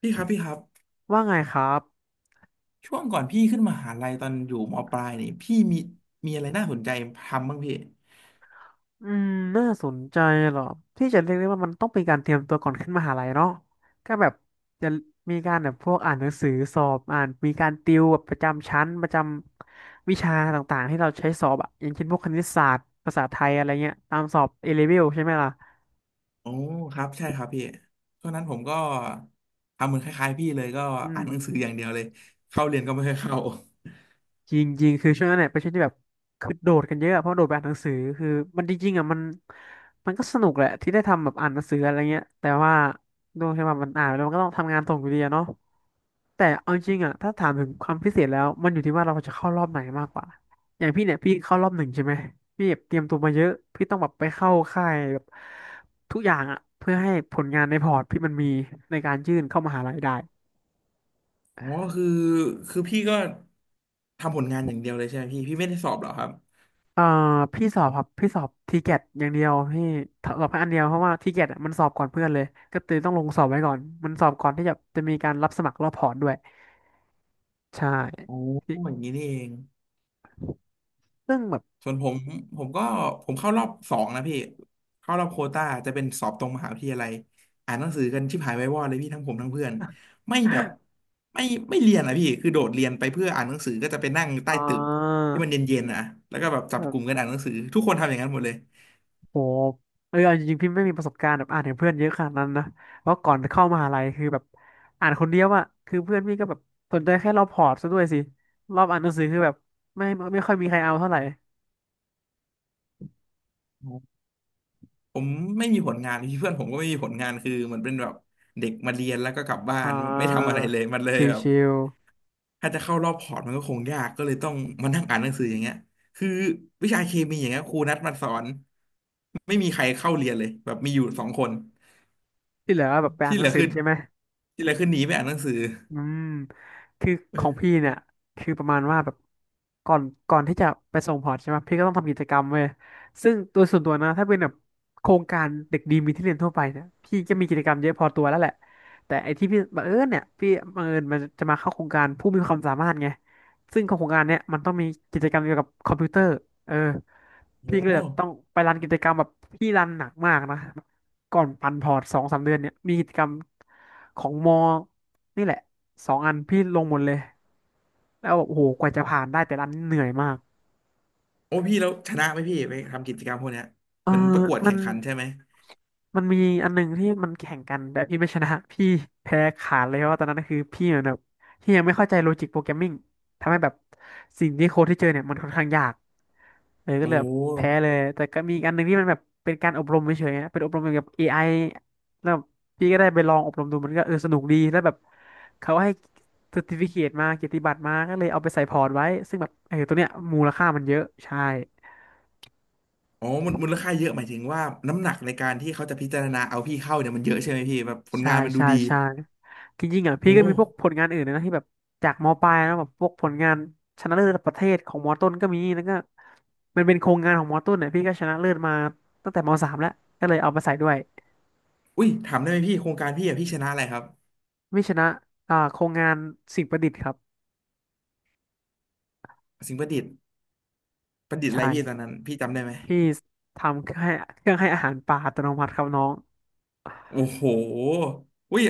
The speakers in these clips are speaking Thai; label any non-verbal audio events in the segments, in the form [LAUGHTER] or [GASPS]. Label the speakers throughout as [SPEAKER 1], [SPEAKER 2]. [SPEAKER 1] พี่ครับพี่ครับ
[SPEAKER 2] ว่าไงครับ
[SPEAKER 1] ช่วงก่อนพี่ขึ้นมหาลัยตอนอยู่มปลายนี่พี่มีอะไรน่าสนใจทำบ้างพี่
[SPEAKER 2] อืม น่าสนใจเหรอ ที่จะเรียกได้ว่ามันต้องเป็นการเตรียมตัวก่อนขึ้นมหาลัยเนาะก็แบบจะมีการแบบพวกอ่านหนังสือสอบอ่านมีการติวแบบประจำชั้นประจำวิชาต่างๆ ที่เราใช้สอบอะอย่างเช่นพวกคณิตศาสตร์ภาษาไทยอะไรเงี้ย ตามสอบเอเลเวลใช่ไหมล่ะ
[SPEAKER 1] โอ้ครับใช่ครับพี่ช่วงนั้นผมก็ทำเหมือนคล้ายๆพี่เลยก็
[SPEAKER 2] อื
[SPEAKER 1] อ่านหนังสืออ
[SPEAKER 2] ม
[SPEAKER 1] ย่างเดียวเลยเข้าเรียนก็ไม่ค่อยเข้า
[SPEAKER 2] จริงจริงคือช่วงนั้นเนี่ยเป็นช่วงที่แบบคือโดดกันเยอะอะเพราะโดดไปอ่านหนังสือคือมันจริงๆอ่ะมันก็สนุกแหละที่ได้ทำแบบอ่านหนังสืออะไรเงี้ยแต่ว่าด้วยที่ว่ามันอ่านไปแล้วมันก็ต้องทำงานส่งอยู่ดีอะเนาะแต่เอาจริงอ่ะถ้าถามถึงความพิเศษแล้วมันอยู่ที่ว่าเราจะเข้ารอบไหนมากกว่าอย่างพี่เนี่ยพี่เข้ารอบหนึ่งใช่ไหมพี่แบบเตรียมตัวมาเยอะพี่ต้องแบบไปเข้าค่ายแบบทุกอย่างอ่ะเพื่อให้ผลงานในพอร์ตพี่มันมีในการยื่นเข้ามหาลัยได้
[SPEAKER 1] อ๋อคือคือพี่ก็ทำผลงานอย่างเดียวเลยใช่ไหมพี่พี่ไม่ได้สอบเหรอครับ
[SPEAKER 2] เอ่อพี่สอบครับพี่สอบทีเกตอย่างเดียวพี่สอบแค่อันเดียวเพราะว่าทีเกตมันสอบก่อนเพื่อนเลยก็เลยต้องลงสอบไว้ก่อนมันสอบก่อนที่จะมีการรับสมัครรอบพอร์ตด้วยใช่
[SPEAKER 1] โอ้
[SPEAKER 2] พี่
[SPEAKER 1] อย่างนี้นี่เอง
[SPEAKER 2] ซึ่งแบบ
[SPEAKER 1] ส่วนผมผมก็ผมเข้ารอบสองนะพี่เข้ารอบโควต้าจะเป็นสอบตรงมหาวิทยาลัยอ่านหนังสือกันชิบหายไว้วอดเลยพี่ทั้งผมทั้งเพื่อนไม่แบบ
[SPEAKER 2] [GASPS]
[SPEAKER 1] ไม่ไม่เรียนอะพี่คือโดดเรียนไปเพื่ออ่านหนังสือก็จะไปนั่งใต้
[SPEAKER 2] อ่า
[SPEAKER 1] ตึกที่มันเย็นๆนะแล้วก็แบบจับ
[SPEAKER 2] แบ
[SPEAKER 1] ก
[SPEAKER 2] บ
[SPEAKER 1] ลุ่มกันอ่านหนังสือทุกคนทำอย่างนั้นหมดเลย
[SPEAKER 2] โหเออเอาจริงๆพี่ไม่มีประสบการณ์แบบอ่านถึงเพื่อนเยอะขนาดนั้นนะเพราะก่อนเข้ามหาลัยคือแบบอ่านคนเดียวอะคือเพื่อนพี่ก็แบบสนใจแค่รอบพอร์ตซะด้วยสิรอบอ่านหนังสือคือแบบไม่ไม่ค่อยมีใครเอาเท่าไหร่
[SPEAKER 1] ผมไม่มีผลงานพี่เพื่อนผมก็ไม่มีผลงานคือเหมันเป็นแบบเด็กมาเรียนแล้วก็กลับบ้าน
[SPEAKER 2] อ่า
[SPEAKER 1] ไม่ทำอะไรเลยมันเล
[SPEAKER 2] ช
[SPEAKER 1] ยแบบ
[SPEAKER 2] ิว
[SPEAKER 1] ถ้าจะเข้ารอบพอร์ตมันก็คงยากก็เลยต้องมานั่งอ่านหนังสืออย่างเงี้ยคือวิชาเคมีอย่างเงี้ยครูนัดมาสอนไม่มีใครเข้าเรียนเลยแบบมีอยู่สองคน
[SPEAKER 2] ที่เหลือแบบไปอ่า
[SPEAKER 1] ที่
[SPEAKER 2] นห
[SPEAKER 1] เห
[SPEAKER 2] นั
[SPEAKER 1] ลื
[SPEAKER 2] ง
[SPEAKER 1] อ
[SPEAKER 2] สือ
[SPEAKER 1] คือ
[SPEAKER 2] ใช่ไหม [LAUGHS]
[SPEAKER 1] ที่เหลือคือหนีไปอ่านหนังสือ
[SPEAKER 2] อืมคือ
[SPEAKER 1] เอ
[SPEAKER 2] ของพี่
[SPEAKER 1] อ
[SPEAKER 2] เนี่ยคือประมาณว่าแบบก่อนก่อนที่จะไปส่งพอร์ตใช่ไหม พี่ก็ต้องทำกิจกรรมเว้ยซึ่งตัวส่วนตัวนะ ถ้าเป็นแบบโครงการเด็กดีมีที่เรียนทั่วไปเนี่ยพี่จะมีกิจกรรมเยอะพอตัวแล้วแหละ แต่ไอ้ที่พี่บังเอิญเนี่ย พี่บังเอิญมันจะมาเข้าโครงการผู้มีความสามารถไงซึ่งของโครงการเนี่ยมันต้องมีกิจกรรมเกี่ยวกับคอมพิวเตอร์เออพี่ก็เล
[SPEAKER 1] โอ้
[SPEAKER 2] ยแบบต้องไปรันกิจกรรมแบบพี่รันหนักมากนะก่อนปั่นพอร์ตสองสามเดือนเนี่ยมีกิจกรรมของม นี่แหละสองอันพี่ลงหมดเลยแล้วแบบโอ้โหกว่าจะผ่านได้แต่ละอันเหนื่อยมาก
[SPEAKER 1] โอ้พี่แล้วชนะไหมพี่ไปทำกิจกรรมพวกเนี้ย
[SPEAKER 2] เออ
[SPEAKER 1] เหมือนประกวด
[SPEAKER 2] มั
[SPEAKER 1] แข่
[SPEAKER 2] น
[SPEAKER 1] งขันใช่ไหม
[SPEAKER 2] มันมีอันหนึ่งที่มันแข่งกันแต่พี่ไม่ชนะพี่แพ้ขาดเลยเพราะว่าตอนนั้นคือพี่เหมือนแบบพี่ยังไม่เข้าใจโลจิกโปรแกรมมิ่งทำให้แบบสิ่งที่โค้ดที่เจอเนี่ยมันค่อนข้างยากเลยก็
[SPEAKER 1] โอ้
[SPEAKER 2] เลยแบบแพ้เลยแต่ก็มีอีกอันหนึ่งที่มันแบบเป็นการอบรมเฉยๆนะเป็นอบรมเกี่ยวกับเอไอแล้วพี่ก็ได้ไปลองอบรมดูมันก็เออสนุกดีแล้วแบบเขาให้ซอร์ติฟิเคตมาเกียรติบัตรมาก็เลยเอาไปใส่พอร์ตไว้ซึ่งแบบเออตัวเนี้ยมูลค่ามันเยอะใช่
[SPEAKER 1] อ๋อมูลค่าเยอะหมายถึงว่าน้ำหนักในการที่เขาจะพิจารณาเอาพี่เข้าเนี่ยมันเยอะใช่ไหมพี่แบบผล
[SPEAKER 2] ใช่
[SPEAKER 1] งานมันดู
[SPEAKER 2] ใช่
[SPEAKER 1] ดี
[SPEAKER 2] ใช่จริงๆอ่ะพี่
[SPEAKER 1] โอ้
[SPEAKER 2] ก็มีพวกผลงานอื่นนะที่แบบจากมปลายนะแบบพวกผลงานชนะเลิศระดับประเทศของมต้นก็มีแล้วก็มันเป็นโครงงานของมต้นเนี่ยพี่ก็ชนะเลิศมาตั้งแต่มสามแล้วก็เลยเอามาใส่ด้วย
[SPEAKER 1] อุ้ยถามได้ไหมพี่โครงการพี่อะพี่ชนะอะไรครับ
[SPEAKER 2] ไม่ชนะอ่าโครงงานสิ่งประดิษฐ์ครับ
[SPEAKER 1] สิ่งประดิษฐ์ ประดิษฐ์อะไร
[SPEAKER 2] ใช่
[SPEAKER 1] พี่ตอนนั้นพี่จำได้ไหม
[SPEAKER 2] พี่ทำเครื่องให้เครื่องให้อาหารปลาอัตโนมัติครับน้อง
[SPEAKER 1] โอ้โหอุ้ย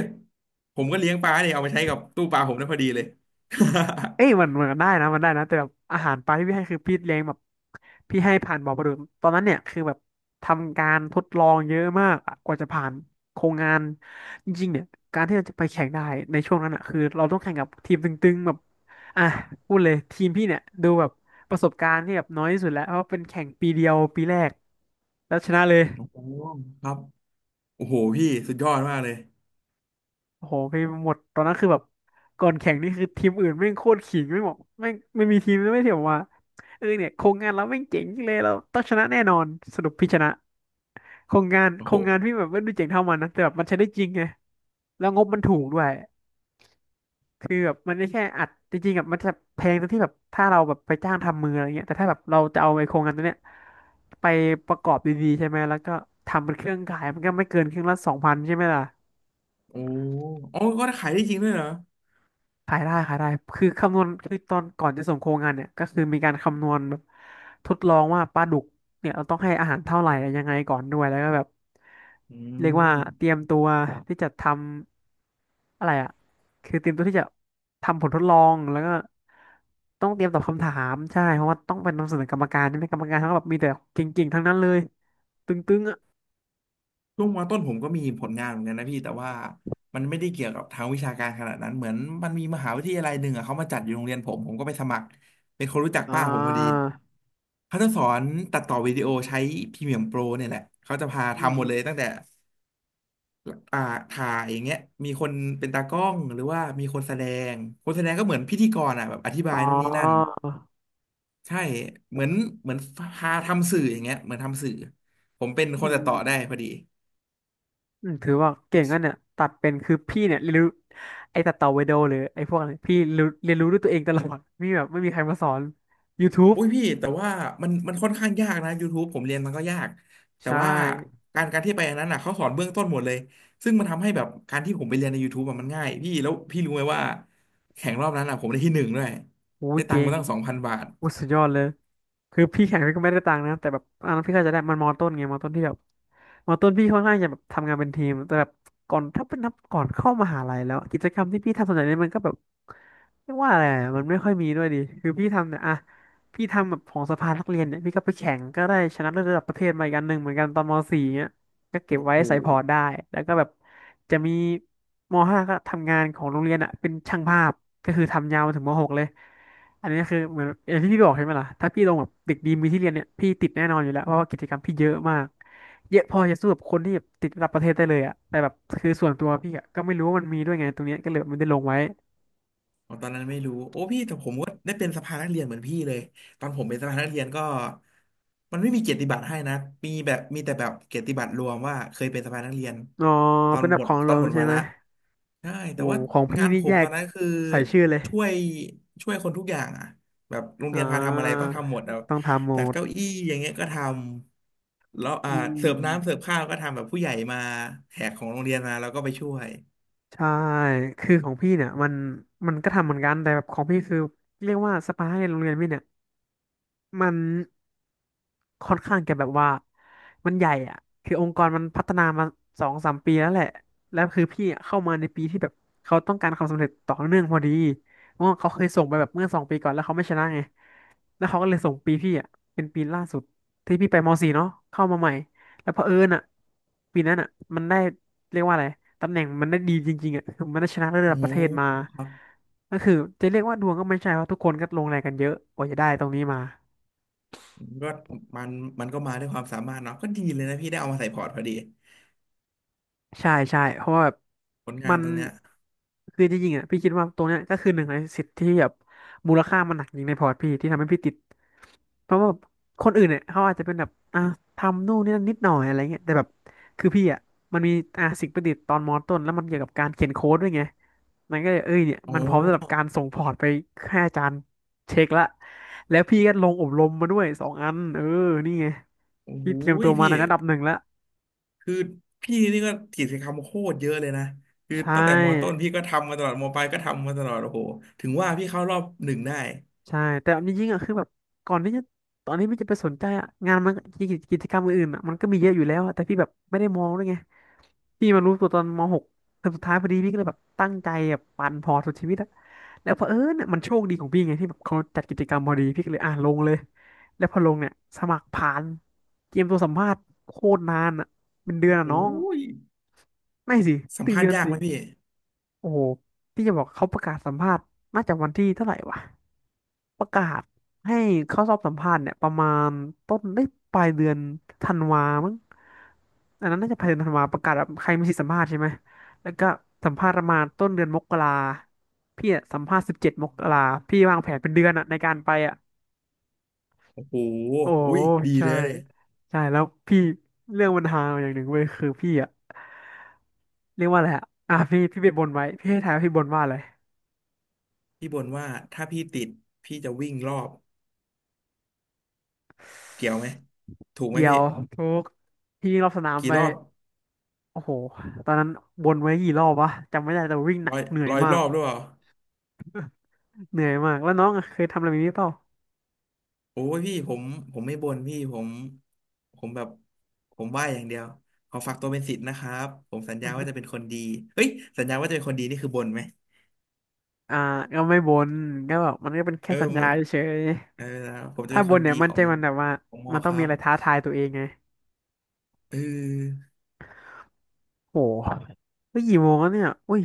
[SPEAKER 1] ผมก็เลี้ยงปลาเนี่ยเอามาใช้กับตู้ปลาผมได้พอดีเลย
[SPEAKER 2] เอ้ยมันได้นะมันได้นะแต่แบบอาหารปลาที่พี่ให้คือพี่เลี้ยงแบบพี่ให้ผ่านบ่อปลาดุกตอนนั้นเนี่ยคือแบบทำการทดลองเยอะมากอะกว่าจะผ่านโครงงานจริงๆเนี่ยการที่เราจะไปแข่งได้ในช่วงนั้นอ่ะคือเราต้องแข่งกับทีมตึงๆแบบอ่ะพูดเลยทีมพี่เนี่ยดูแบบประสบการณ์ที่แบบน้อยที่สุดแล้วเพราะเป็นแข่งปีเดียวปีแรกแล้วชนะเลย
[SPEAKER 1] [LAUGHS] โอ้โหครับโอ้โหพี่สุดยอดมากเลย
[SPEAKER 2] โอ้โหพี่หมดตอนนั้นคือแบบก่อนแข่งนี่คือทีมอื่นแม่งโคตรขิงไม่บอกไม่งไม่มีทีมไม่เถียงว่าเออเนี่ยโครงงานเราแม่งเจ๋งจังเลยเราต้องชนะแน่นอนสรุปพี่ชนะโครงงาน
[SPEAKER 1] โอ้
[SPEAKER 2] โคร
[SPEAKER 1] โห
[SPEAKER 2] งงานพี่แบบไม่ดูเจ๋งเท่ามันนะแต่แบบมันใช้ได้จริงไงแล้วงบมันถูกด้วยคือแบบมันไม่แค่อัดจริงๆแบบมันจะแพงตรงที่แบบถ้าเราแบบไปจ้างทำมืออะไรเงี้ยแต่ถ้าแบบเราจะเอาไอ้โครงงานตัวเนี้ยไปประกอบดีๆใช่ไหมแล้วก็ทำเป็นเครื่องขายมันก็ไม่เกินเครื่องละสองพันใช่ไหมล่ะ
[SPEAKER 1] โอ้โหอ๋ก็ขายได้จริงด้วยเหรอ
[SPEAKER 2] ขายได้ขายได้คือคำนวณคือตอนก่อนจะส่งโครงงานเนี่ยก็คือมีการคำนวณแบบทดลองว่าปลาดุกเนี่ยเราต้องให้อาหารเท่าไหร่ยังไงก่อนด้วยแล้วก็แบบ
[SPEAKER 1] อื
[SPEAKER 2] เรียกว่า
[SPEAKER 1] ม
[SPEAKER 2] เตรียมตัวที่จะทำอะไรอ่ะคือเตรียมตัวที่จะทำผลทดลองแล้วก็ต้องเตรียมตอบคำถามใช่เพราะว่าต้องเป็นนำเสนอกรรมการใช่ไหมกรรมการทั้งแบบมีแต่เก่งๆทั้งนั้นเลยตึงๆอ่ะ
[SPEAKER 1] ช่วงมต้นผมก็มีผลงานเหมือนกันนะพี่แต่ว่ามันไม่ได้เกี่ยวกับทางวิชาการขนาดนั้นเหมือนมันมีมหาวิทยาลัยหนึ่งอะเขามาจัดอยู่โรงเรียนผมผมก็ไปสมัครเป็นคนรู้จัก
[SPEAKER 2] อ่า
[SPEAKER 1] ป้าผมพอดีเขาจะสอนตัดต่อวิดีโอใช้พรีเมียมโปรเนี่ยแหละเขาจะพา
[SPEAKER 2] อืม
[SPEAKER 1] ทำห
[SPEAKER 2] อ
[SPEAKER 1] มด
[SPEAKER 2] ม
[SPEAKER 1] เลยตั้งแต่อ่าถ่ายอย่างเงี้ยมีคนเป็นตากล้องหรือว่ามีคนแสดงคนแสดงก็เหมือนพิธีกรอ่ะแบบอธิบา
[SPEAKER 2] อ๋อ
[SPEAKER 1] ยนู่นนี่นั่นใช่เหมือนเหมือนพาทำสื่ออย่างเงี้ยเหมือนทำสื่อผมเป็นค
[SPEAKER 2] อื
[SPEAKER 1] นตั
[SPEAKER 2] ม
[SPEAKER 1] ดต่อได้พอดี
[SPEAKER 2] อืมถือว่าเก่งกันเนี่ยตัดเป็นคือพี่เนี่ยเรียนรู้ไอ้ตัดต่อวิดีโอหรือไอ้พวกอะไรเรียนรู้ด้วยตัวเองตลอดมีแบบไม่มีใครมาสอน YouTube
[SPEAKER 1] อุ้ยพี่แต่ว่ามันค่อนข้างยากนะ YouTube ผมเรียนมันก็ยากแต่
[SPEAKER 2] ใช่
[SPEAKER 1] ว่าการที่ไปอันนั้นน่ะเขาสอนเบื้องต้นหมดเลยซึ่งมันทำให้แบบการที่ผมไปเรียนใน YouTube อะมันง่ายพี่แล้วพี่รู้ไหมว่าแข่งรอบนั้นอ่ะผมได้ที่หนึ่งด้วย
[SPEAKER 2] อู้
[SPEAKER 1] ได้ตัง
[SPEAKER 2] เก่
[SPEAKER 1] ค์มา
[SPEAKER 2] ง
[SPEAKER 1] ตั้ง2,000บาท
[SPEAKER 2] อู้สุดยอดเลยคือพี่แข่งพี่ก็ไม่ได้ตังค์นะแต่แบบพี่ก็จะได้มันมอต้นไงมอต้นที่แบบมอต้นพี่ค่อนข้างจะแบบทำงานเป็นทีมแต่แบบก่อนถ้าเป็นนับก่อนเข้ามหาลัยแล้วกิจกรรมที่พี่ทำส่วนใหญ่เนี่ยมันก็แบบเรียกว่าอะไรอะมันไม่ค่อยมีด้วยดิคือพี่ทำเนี่ยอะพี่ทำแบบของสภานักเรียนเนี่ยพี่ก็ไปแข่งก็ได้ชนะเลิศระดับประเทศมาอีกอันหนึ่งเหมือนกันตอนม .4 เนี่ย ก็เก็บ
[SPEAKER 1] โอ้
[SPEAKER 2] ไว้
[SPEAKER 1] โห
[SPEAKER 2] ใส่พอร์ตได้ แล้วก็แบบจะมีมห้าก็ทำงานของโรงเรียนอ่ะเป็นช่างภาพก็คือทำยาวมาถึงมหกเลยอันนี้คือเหมือนอย่างที่พี่บอกใช่ไหมล่ะถ้าพี่ลงแบบเด็กดีมีที่เรียนเนี่ยพี่ติดแน่นอนอยู่แล้วเพราะว่ากิจกรรมพี่เยอะมากเยอะพอจะสู้กับคนที่แบบติดระดับประเทศได้เลยอ่ะแต่แบบคือส่วนตัวพี่อะก็ไม่รู้ว่ามันมีด้วยไงตรงเนี้ยก็เลยไม่ได้ลงไว้
[SPEAKER 1] อ๋อตอนนั้นไม่รู้โอ้พี่แต่ผมก็ได้เป็นสภานักเรียนเหมือนพี่เลยตอนผมเป็นสภานักเรียนก็มันไม่มีเกียรติบัตรให้นะมีแบบมีแต่แบบเกียรติบัตรรวมว่าเคยเป็นสภานักเรียน
[SPEAKER 2] อ๋อ
[SPEAKER 1] ตอ
[SPEAKER 2] เป็
[SPEAKER 1] น
[SPEAKER 2] นแบ
[SPEAKER 1] ห
[SPEAKER 2] บ
[SPEAKER 1] ม
[SPEAKER 2] ข
[SPEAKER 1] ด
[SPEAKER 2] อง
[SPEAKER 1] ต
[SPEAKER 2] ร
[SPEAKER 1] อ
[SPEAKER 2] ว
[SPEAKER 1] น
[SPEAKER 2] ม
[SPEAKER 1] หมด
[SPEAKER 2] ใช่
[SPEAKER 1] วา
[SPEAKER 2] ไหม
[SPEAKER 1] ระใช่
[SPEAKER 2] โอ้
[SPEAKER 1] แต่ว่า
[SPEAKER 2] ของพี่
[SPEAKER 1] งาน
[SPEAKER 2] นี่
[SPEAKER 1] ผ
[SPEAKER 2] แย
[SPEAKER 1] มตอ
[SPEAKER 2] ก
[SPEAKER 1] นนั้นคือ
[SPEAKER 2] ใส่ชื่อเลย
[SPEAKER 1] ช่วยช่วยคนทุกอย่างอ่ะแบบโรง
[SPEAKER 2] อ่
[SPEAKER 1] เรียนพาทำอะไรต้อ
[SPEAKER 2] า
[SPEAKER 1] งทำหมดเอา
[SPEAKER 2] ต้องทำโหม
[SPEAKER 1] จัด
[SPEAKER 2] ด
[SPEAKER 1] เก้าอี้อย่างเงี้ยก็ทำแล้วอ่า
[SPEAKER 2] อื
[SPEAKER 1] เสิร์ฟน้ำเสิร์ฟ
[SPEAKER 2] ม
[SPEAKER 1] ข้าวก็ทำแบบผู้ใหญ่มาแขกของโรงเรียนมาแล้วก็ไปช่วย
[SPEAKER 2] ใช่ คือของพี่เนี่ยมันก็ทำเหมือนกัน แต่แบบของพี่คือเรียกว่าสปาให้โรงเรียนพี่เนี่ยมัน ค่อนข้างจะแบบว่ามันใหญ่อ่ะคือองค์กรมันพัฒนามาสองสามปีแล้วแหละแล้วคือพี่อะเข้ามาในปีที่แบบเขาต้องการความสำเร็จต่อเนื่องพอดีเพราะว่าเขาเคยส่งไปแบบเมื่อสองปีก่อนแล้วเขาไม่ชนะไงแล้วเขาก็เลยส่งปีพี่อ่ะเป็นปีล่าสุดที่พี่ไปม .4 เนาะเข้ามาใหม่แล้วเผอิญอ่ะปีนั้นอ่ะมันได้เรียกว่าอะไรตำแหน่งมันได้ดีจริงๆอ่ะคือมันได้ชนะระ
[SPEAKER 1] โอ้
[SPEAKER 2] ดับประเทศมา
[SPEAKER 1] ครับ
[SPEAKER 2] ก็คือจะเรียกว่าดวงก็ไม่ใช่เพราะทุกคนก็ลงแรงกันเยอะกว่าจะได้ตรงนี้มา
[SPEAKER 1] ก็มันมันก็มาด้วยความสามารถเนาะก็ดีเลยนะพี่ได้เอามาใส่พอร์ตพอดี
[SPEAKER 2] ใช่ใช่เพราะว่าแบบ
[SPEAKER 1] ผลงา
[SPEAKER 2] มั
[SPEAKER 1] น
[SPEAKER 2] น
[SPEAKER 1] ตรงเนี้ย
[SPEAKER 2] คือจริงๆอ่ะพี่คิดว่าตรงเนี้ยก็คือหนึ่งในสิทธิ์ที่แบบมูลค่ามันหนักจริงในพอร์ตพี่ที่ทำให้พี่ติดเพราะว่าแบบคนอื่นเนี่ยเขาอาจจะเป็นแบบอ่ะทำนู่นนี่นั่นนิดหน่อยอะไรเงี้ยแต่แบบคือพี่อ่ะมันมีสิ่งประดิษฐ์ตอนมอต้นแล้วมันเกี่ยวกับการเขียนโค้ดด้วยไงมันก็เลยเอ้ยเนี่ย
[SPEAKER 1] โอ
[SPEAKER 2] มันพร้อมสำหรับกา
[SPEAKER 1] ้
[SPEAKER 2] รส่งพอร์ตไปให้อาจารย์เช็คละแล้วพี่ก็ลงอบรมมาด้วยสองอันเออนี่ไง
[SPEAKER 1] โอ้โห
[SPEAKER 2] พี่เตรียมตัวมา
[SPEAKER 1] พี่
[SPEAKER 2] ในระดับหนึ่งแล้ว
[SPEAKER 1] คือพี่นี่ก็กิจกรรมโคตรเยอะเลยนะคือ
[SPEAKER 2] ใช
[SPEAKER 1] ตั้งแต่มอต้น
[SPEAKER 2] ่
[SPEAKER 1] พี่ก็ทำมาตลอดมอปลายก็ทำมาตลอดโอ้โหถึงว่าพี่เข้ารอบหนึ่งได้
[SPEAKER 2] ใช่แต่จริงๆอ่ะคือแบบก่อนที่จะตอนที่พี่จะไปสนใจอ่ะงานมันกิจกรรมอื่นๆอ่ะมันก็มีเยอะอยู่แล้วอะแต่พี่แบบไม่ได้มองด้วยไงพี่มารู้ตัวตอนม .6 เทอมสุดท้ายพอดีพี่ก็เลยแบบตั้งใจแบบปั่นพอร์ตสุดชีวิตอะแล้วเผอิญเนี่ยมันโชคดีของพี่ไงที่แบบเขาจัดกิจกรรมพอดีพี่ก็เลยอ่ะลงเลยแล้วพอลงเนี่ยสมัครผ่านเตรียมตัวสัมภาษณ์โคตรนานอ่ะเป็นเดือนอะน้อ
[SPEAKER 1] โอ้
[SPEAKER 2] ง
[SPEAKER 1] ย
[SPEAKER 2] ไม่สิ
[SPEAKER 1] สัม
[SPEAKER 2] ถึง
[SPEAKER 1] ภาษ
[SPEAKER 2] เดื
[SPEAKER 1] ณ์
[SPEAKER 2] อน
[SPEAKER 1] ยาก
[SPEAKER 2] สิ
[SPEAKER 1] ไหมพี่
[SPEAKER 2] โอ้โหพี่จะบอกเขาประกาศสัมภาษณ์น่าจะวันที่เท่าไหร่วะ ประกาศให้เข้าสอบสัมภาษณ์เนี่ยประมาณต้นได้ปลายเดือนธันวามั้งอันนั้นน่าจะปลายเดือนธันวาประกาศแบบใครมีสิทธิสัมภาษณ์ใช่ไหมแล้วก็สัมภาษณ์ประมาณต้นเดือนมกราพี่อะสัมภาษณ์17มกราพี่วางแผนเป็นเดือนอะในการไปอะ
[SPEAKER 1] โอ้โห
[SPEAKER 2] โอ้
[SPEAKER 1] อุ้ยดี
[SPEAKER 2] ใช่
[SPEAKER 1] เลยเลย
[SPEAKER 2] ใช่แล้วพี่เรื่องปัญหาอย่างหนึ่งเว้ยคือพี่อะเรียกว่าอะไรอะอ่ะพี่ไปบนไว้พี่ให้ทายว่าพี่บนว่าอะไร
[SPEAKER 1] พี่บ่นว่าถ้าพี่ติดพี่จะวิ่งรอบเกี่ยวไหมถูกไหม
[SPEAKER 2] เกี่ย
[SPEAKER 1] พี่
[SPEAKER 2] วทุกพี่วิ่งรอบสนาม
[SPEAKER 1] กี่
[SPEAKER 2] ไป
[SPEAKER 1] รอบ
[SPEAKER 2] โอ้โหตอนนั้นวนไว้กี่รอบวะจำไม่ได้แต่วิ่งหนั
[SPEAKER 1] ร้
[SPEAKER 2] ก
[SPEAKER 1] อย
[SPEAKER 2] เหนื่อย
[SPEAKER 1] ร้อย
[SPEAKER 2] มา
[SPEAKER 1] ร
[SPEAKER 2] ก
[SPEAKER 1] อบหรือเปล่า
[SPEAKER 2] เหนื่อยมาก แล้วน้องอะเคยทำอะไรแบบนี้เปล่า
[SPEAKER 1] โอ้ยพี่ผมผมไม่บ่นพี่ผมผมแบบผมไหว้อย่างเดียวขอฝากตัวเป็นศิษย์นะครับผมสัญญาว่าจะเป็นคนดีเฮ้ยสัญญาว่าจะเป็นคนดีนี่คือบ่นไหม
[SPEAKER 2] อ่าก็ไม่บนก็แบบมันก็เป็นแค่
[SPEAKER 1] เออ
[SPEAKER 2] สัญญาเฉย
[SPEAKER 1] เออผม
[SPEAKER 2] ๆ
[SPEAKER 1] จะ
[SPEAKER 2] ถ้า
[SPEAKER 1] เป็น
[SPEAKER 2] บ
[SPEAKER 1] ค
[SPEAKER 2] น
[SPEAKER 1] น
[SPEAKER 2] เนี่
[SPEAKER 1] ดี
[SPEAKER 2] ยมัน
[SPEAKER 1] ขอ
[SPEAKER 2] ใจ
[SPEAKER 1] ง
[SPEAKER 2] มันแบบว่า
[SPEAKER 1] ของมอ
[SPEAKER 2] มันต้
[SPEAKER 1] ค
[SPEAKER 2] อง
[SPEAKER 1] รั
[SPEAKER 2] มีอะ
[SPEAKER 1] บ
[SPEAKER 2] ไรท้าทายตัวเองไง
[SPEAKER 1] เออ
[SPEAKER 2] โหเฮ้ยกี่โมงแล้วเนี่ยอุ้ย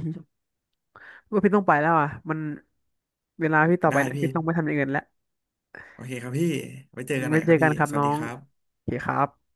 [SPEAKER 2] ว่าพี่ต้องไปแล้วอ่ะมันเวลาพี่ต่อไป
[SPEAKER 1] ได้
[SPEAKER 2] เนี่ย
[SPEAKER 1] พี่
[SPEAKER 2] พี่ต้องไปทำอย่างอื่นแล้ว
[SPEAKER 1] โอเคครับพี่ไว้เจอกันห
[SPEAKER 2] ไว้
[SPEAKER 1] น่อย
[SPEAKER 2] เจ
[SPEAKER 1] ครั
[SPEAKER 2] อ
[SPEAKER 1] บ
[SPEAKER 2] กั
[SPEAKER 1] พี่
[SPEAKER 2] นครับ
[SPEAKER 1] สวั
[SPEAKER 2] น้
[SPEAKER 1] ส
[SPEAKER 2] อ
[SPEAKER 1] ดี
[SPEAKER 2] ง
[SPEAKER 1] ครับ
[SPEAKER 2] โอเคครับ